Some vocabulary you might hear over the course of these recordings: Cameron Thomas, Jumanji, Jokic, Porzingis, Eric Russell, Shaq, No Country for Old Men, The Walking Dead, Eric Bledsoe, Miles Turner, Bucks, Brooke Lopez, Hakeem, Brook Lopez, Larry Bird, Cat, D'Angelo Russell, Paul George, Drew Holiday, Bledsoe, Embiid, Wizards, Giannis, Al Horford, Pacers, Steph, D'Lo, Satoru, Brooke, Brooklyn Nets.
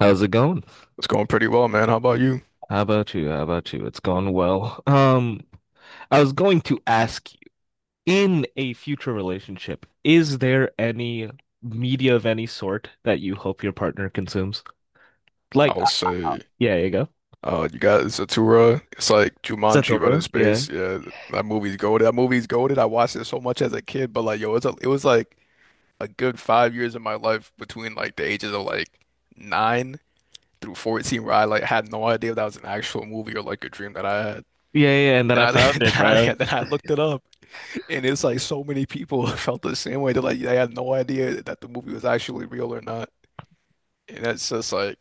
How's it going? It's going pretty well, man. How about you? How about you? How about you? It's gone well. I was going to ask you, in a future relationship, is there any media of any sort that you hope your partner consumes? I Like, would say, yeah, you go. You got Zathura. It's like Jumanji, but in Satoru, yeah. space. Yeah, that movie's goated. That movie's goated. I watched it so much as a kid, but like, yo, it was like a good 5 years of my life between like the ages of like 9 through 14 where I like had no idea if that was an actual movie or like a dream that I had. Yeah, yeah, and then Then I I, found it, bro. yeah, then I looked it up, and it's like so many people felt the same way. They're like, they had no idea that the movie was actually real or not. And that's just like,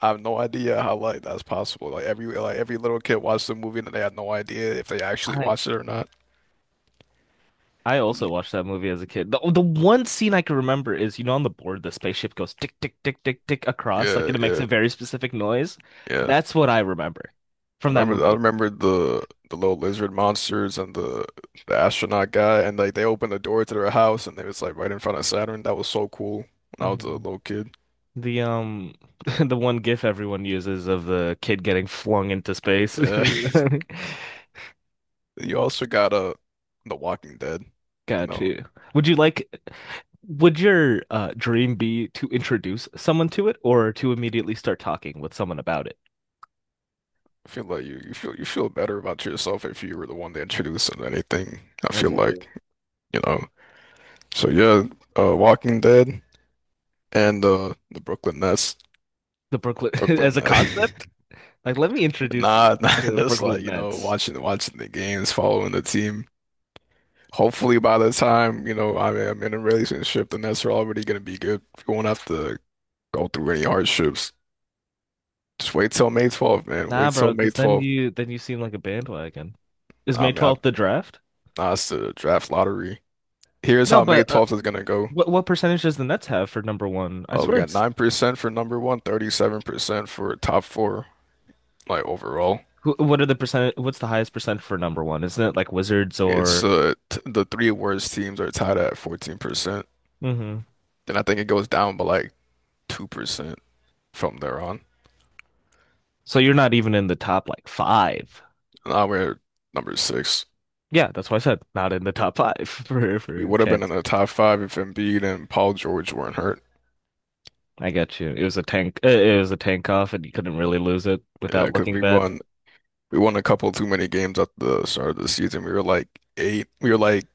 I have no idea how like that's possible. Like every little kid watched the movie and they had no idea if they actually I watched it or not. I also watched that movie as a kid. The one scene I can remember is, on the board the spaceship goes tick tick tick tick tick across, like Yeah, and it makes yeah, a very specific noise. yeah. That's what I remember I from that remember I movie. remember the little lizard monsters and the astronaut guy, and like they opened the door to their house and it was like right in front of Saturn. That was so cool when I was a little kid. The the one GIF everyone uses of the kid getting flung into space. Yeah. You know? You also got The Walking Dead. You Got know, you. Would you like would your dream be to introduce someone to it or to immediately start talking with someone about it? I feel like you feel better about yourself if you were the one that introduced it to anything. I I feel got you. like, you know. So yeah, Walking Dead and the Brooklyn Nets, The Brooklyn Brooklyn as a Nets. concept? Like let me introduce you Nah, nah, to the just like Brooklyn you know, Nets. watching the games, following the team. Hopefully, by the time I mean, I'm in a relationship, the Nets are already gonna be good. You won't have to go through any hardships. Just wait till May 12th, man. Nah, Wait till bro, May because then 12th. you then you seem like a bandwagon. Is Nah, I May mean, 12th the draft? It's the draft lottery. Here's No, how May but 12th is gonna go. what percentage does the Nets have for number one? I Oh, we swear got it's 9% for number one, 37% for top four, like overall. What are the percent? What's the highest percent for number one? Isn't it like Wizards It's or? T the three worst teams are tied at 14%. Hmm. Then I think it goes down by like 2% from there on. So you're not even in the top like five. Now we're number six. Yeah, that's why I said not in the top five for We for would have been in chance. the top five if Embiid and Paul George weren't hurt. I got you. It was a tank. It was a tank off, and you couldn't really lose it Yeah, without because looking we bad. won we won a couple too many games at the start of the season. We were like eight we were like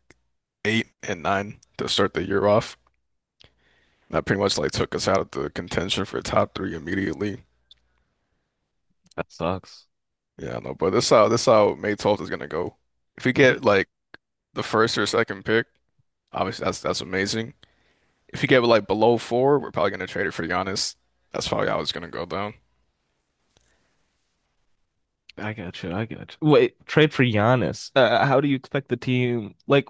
eight and nine to start the year off. That pretty much like took us out of the contention for top three immediately. That sucks. Yeah, I know, but this how May 12th is gonna go. If we get Hmm. like the first or second pick, obviously, that's amazing. If you get like below four, we're probably gonna trade it for Giannis. That's probably how it's gonna go down. I got you. I got you. Wait, trade for Giannis. How do you expect the team? Like,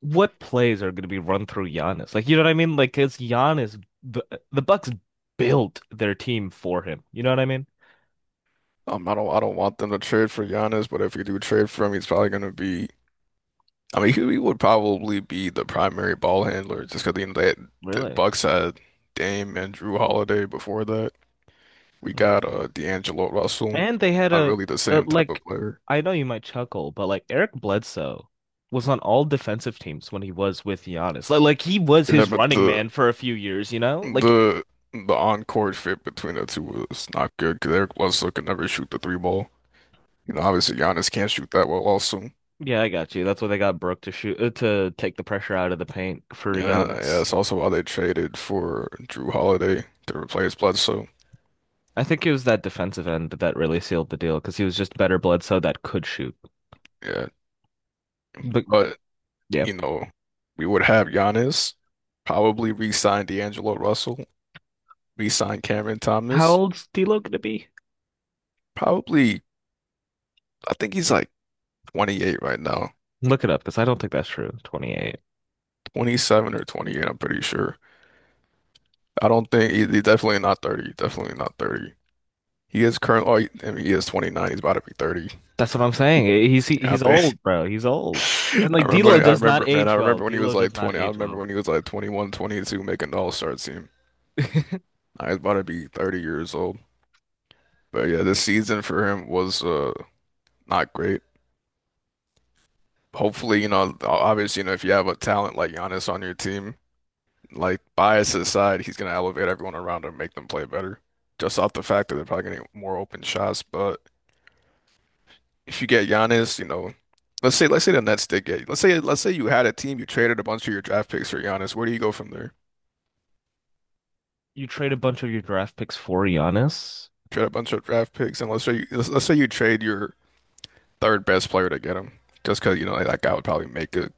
what plays are going to be run through Giannis? Like, you know what I mean? Like, it's Giannis. The Bucks built their team for him. You know what I mean? I don't want them to trade for Giannis, but if you do trade for him, he's probably gonna be. I mean, he would probably be the primary ball handler just because you know, the Really? Bucks had Dame and Drew Holiday before that. We got Mhm. D'Angelo Russell, And they had not a, really the a same type like of player. I know you might chuckle, but like Eric Bledsoe was on all defensive teams when he was with Giannis. Like he was Yeah, his but running man for a few years, you know? Like the the on-court fit between the two was not good because Eric Russell could never shoot the three ball. You know, obviously Giannis can't shoot that well also. yeah, I got you. That's why they got Brooke to shoot to take the pressure out of the paint for Yeah, yeah, Giannis. that's also why they traded for Drew Holiday to replace Bledsoe. I think it was that defensive end that really sealed the deal because he was just better Bledsoe that could shoot. Yeah. But But, yeah. you know, we would have Giannis, probably re-sign D'Angelo Russell, re-sign Cameron How Thomas. old's D'Lo gonna be? Probably I think he's like 28 right now. Look it up because I don't think that's true. 28. 27 or 28, I'm pretty sure. I don't think he's definitely not 30. Definitely not 30. He is current. Oh, I mean, he is 29. He's about to be 30. That's what I'm saying. He's he, Yeah, I he's think old, bro. He's old. And like D'Lo I does not remember, man. I age well. remember when he was D'Lo like does not 20. I age remember well. when he was like 21, 22, making the All-Star team. I was about to be 30 years old. But yeah, this season for him was not great. Hopefully, obviously, if you have a talent like Giannis on your team, like bias aside, he's gonna elevate everyone around him, make them play better. Just off the fact that they're probably getting more open shots. But if you get Giannis, let's say the Nets did get, let's say you had a team, you traded a bunch of your draft picks for Giannis. Where do you go from there? You trade a bunch of your draft picks for Giannis. Trade a bunch of draft picks, and let's say let's say you trade your third best player to get him, just because like, that guy would probably make a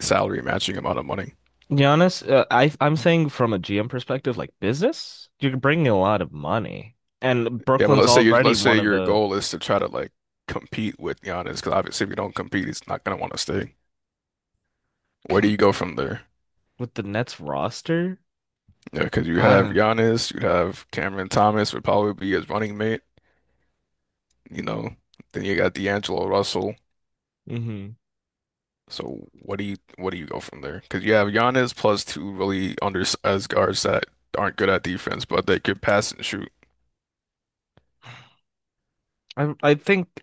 salary matching amount of money. Giannis, I'm saying from a GM perspective, like business, you're bringing a lot of money, and Yeah, but Brooklyn's let's say you already let's say one of your the goal is to try to like compete with Giannis, because obviously if you don't compete, he's not gonna want to stay. Where do com you go from there? with the Nets roster. Yeah, because you I have don't. Giannis, you have Cameron Thomas would probably be his running mate, you know. Then you got D'Angelo Russell. Hmm. So what do you go from there? Because you have Giannis plus two really undersized guards that aren't good at defense, but they could pass and shoot. I think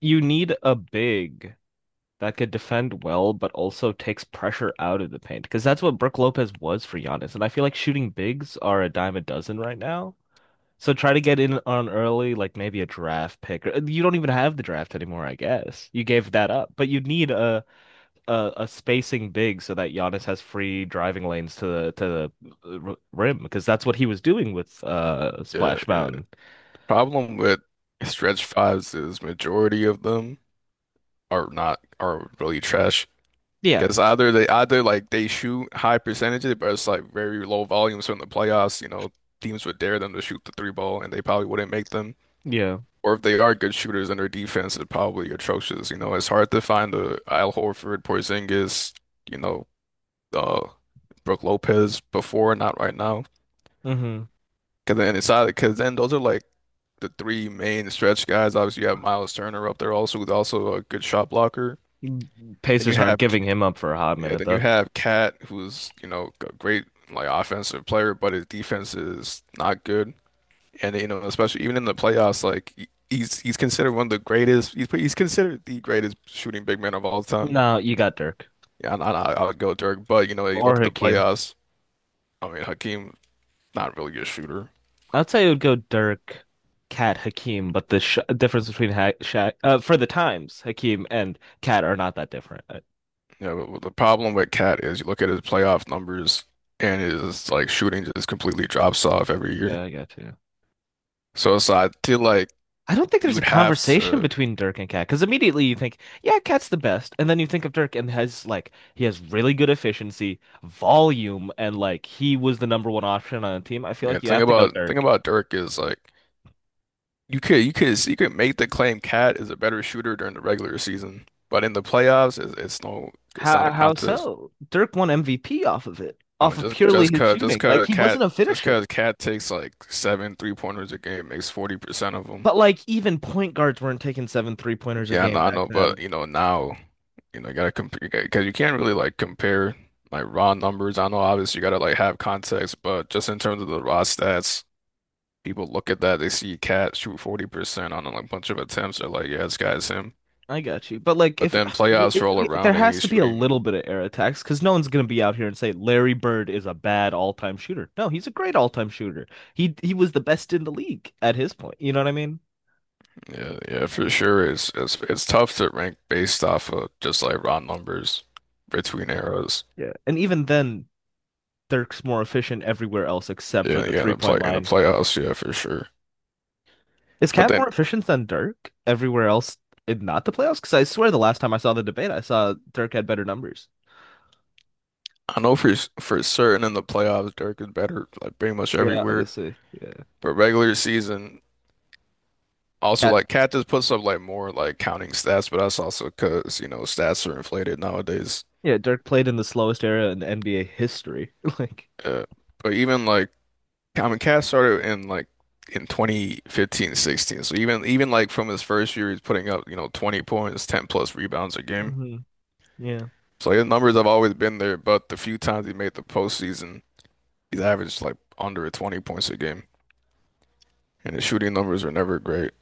you need a big that could defend well, but also takes pressure out of the paint because that's what Brook Lopez was for Giannis. And I feel like shooting bigs are a dime a dozen right now. So try to get in on early, like maybe a draft pick. You don't even have the draft anymore, I guess. You gave that up, but you need a spacing big so that Giannis has free driving lanes to the rim because that's what he was doing with Yeah, Splash yeah. Mountain. Problem with stretch fives is majority of them are not are really trash. Yeah, Because either they either like they shoot high percentages, but it's like very low volumes from the playoffs. You know, teams would dare them to shoot the three ball, and they probably wouldn't make them. yeah. Or if they are good shooters, and their defense is probably atrocious. You know, it's hard to find a Al Horford, Porzingis, you know, uh Brooke Lopez before, not right now. Hmm. Because then those are like the three main stretch guys. Obviously, you have Miles Turner up there also, who's also a good shot blocker. Then you Pacers aren't have giving him up for a hot yeah, minute then you though. have Cat, who's a great like offensive player, but his defense is not good. And especially even in the playoffs, like he's considered one of the greatest. He's considered the greatest shooting big man of all time. No, you got Dirk. Yeah, I would go Dirk, but you look Or at the Hakeem. playoffs. I mean, Hakeem, not really a shooter. I'd say it would go Dirk, Cat, Hakeem, but the sh difference between ha Shaq, for the times, Hakeem and Cat are not that different. Yeah, the problem with Cat is you look at his playoff numbers and his like shooting just completely drops off every year. Yeah, I got you. So, I feel like I don't think you there's a would have conversation to between Dirk and Cat because immediately you think, yeah, Cat's the best, and then you think of Dirk and has like he has really good efficiency, volume, and like he was the number one option on a team. I feel yeah, the like you thing have to go about the thing Dirk. about Dirk is like you could make the claim Cat is a better shooter during the regular season, but in the playoffs it's not a How contest. so? Dirk won MVP off of it, I off mean of just purely just his cause just shooting. Like cause he Cat wasn't a just finisher. cause Cat takes like 7 three pointers a game, makes 40% of them. But like even point guards weren't taking seven three pointers a Yeah, game I back know, but then. Now, you gotta compare because you can't really like compare like raw numbers. I know obviously you gotta like have context, but just in terms of the raw stats, people look at that, they see Cat shoot 40% on like a like, bunch of attempts, they're like, yeah, this guy's him. I got you. But like But if then playoffs roll we there around and has he's to be a shooting. little bit of air attacks because no one's gonna be out here and say Larry Bird is a bad all-time shooter. No, he's a great all-time shooter. He was the best in the league at his point. You know what I mean? Yeah, yeah, for sure. It's tough to rank based off of just like raw numbers between eras. Yeah. And even then, Dirk's more efficient everywhere else except for Yeah, the yeah, three-point in the line. playoffs, yeah, for sure. Is But Cat then more efficient than Dirk everywhere else in not the playoffs? Because I swear the last time I saw the debate, I saw Dirk had better numbers. I know for certain in the playoffs, Dirk is better like pretty much Yeah, everywhere. obviously. Yeah. But regular season, also Cat like Cat just puts up like more like counting stats, but that's also because stats are inflated nowadays. Yeah, Dirk played in the slowest era in NBA history. Like, Uh, but even like I mean, Cat started in like in 2015-16, so even like from his first year, he's putting up 20 points, 10 plus rebounds a game. hmm yeah, So his numbers have always been there, but the few times he made the postseason, he's averaged like under 20 points a game, and his shooting numbers are never great.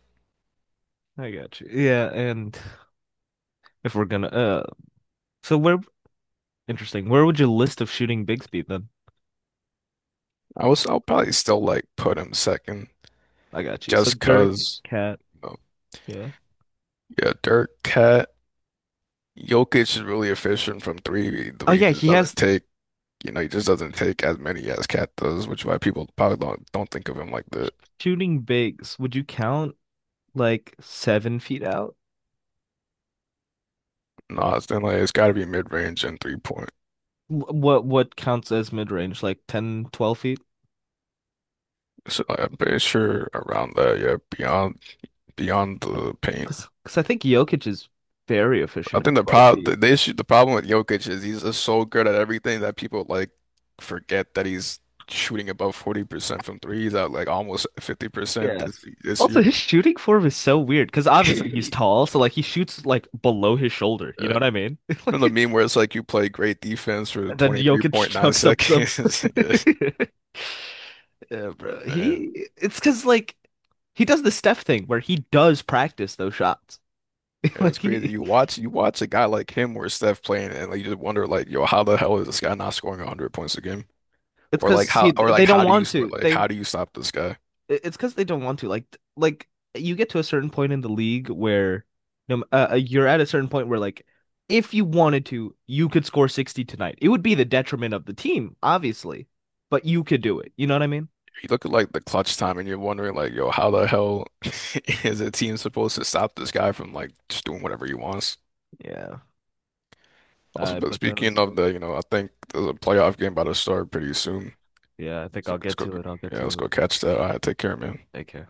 I got you. Yeah, and if we're gonna, so where, interesting, where would you list of shooting bigs be then? I'll probably still like put him second, I got you. So just Dirk, 'cause Cat, you know, yeah. yeah, Dirk, Cat. Jokic is really efficient from three. Oh Three yeah, just he has doesn't take you know, he just doesn't take as many as Cat does, which is why people probably don't think of him like that. shooting bigs. Would you count like 7 feet out? No, it's then like it's gotta be mid range and 3-point. What counts as mid range? Like ten, twelve 12 feet? So like, I'm pretty sure around that, yeah, beyond the paint. Because I think Jokic is very I efficient at think the 12 problem, feet. The issue, the problem with Jokic is he's just so good at everything that people like forget that he's shooting above 40% from threes at like almost 50% Yeah. this Also, year. his shooting form is so weird because obviously he's tall, so like he shoots like below his shoulder. You Uh, know what I mean? you know the Like, meme where it's like you play great defense for and then Jokic 23.9 chucks up some. seconds. Yeah, bro. Yeah, man, He It's because like he does the Steph thing where he does practice those shots. yeah, Like it's crazy. he, You watch a guy like him or Steph playing and like you just wonder like, yo, how the hell is this guy not scoring 100 points a game? it's because he they don't want Or to. like how do you stop this guy? It's because they don't want to. Like, you get to a certain point in the league where, no, you're at a certain point where like, if you wanted to, you could score 60 tonight. It would be the detriment of the team, obviously, but you could do it. You know what I mean? You look at like the clutch time and you're wondering like, yo, how the hell is a team supposed to stop this guy from like just doing whatever he wants? Yeah. Also, but But that was speaking of I think there's a playoff game about to start pretty soon. yeah, I think So I'll let's get go. to it. I'll get Yeah, let's to go it. catch that. All right, take care, man. Take care.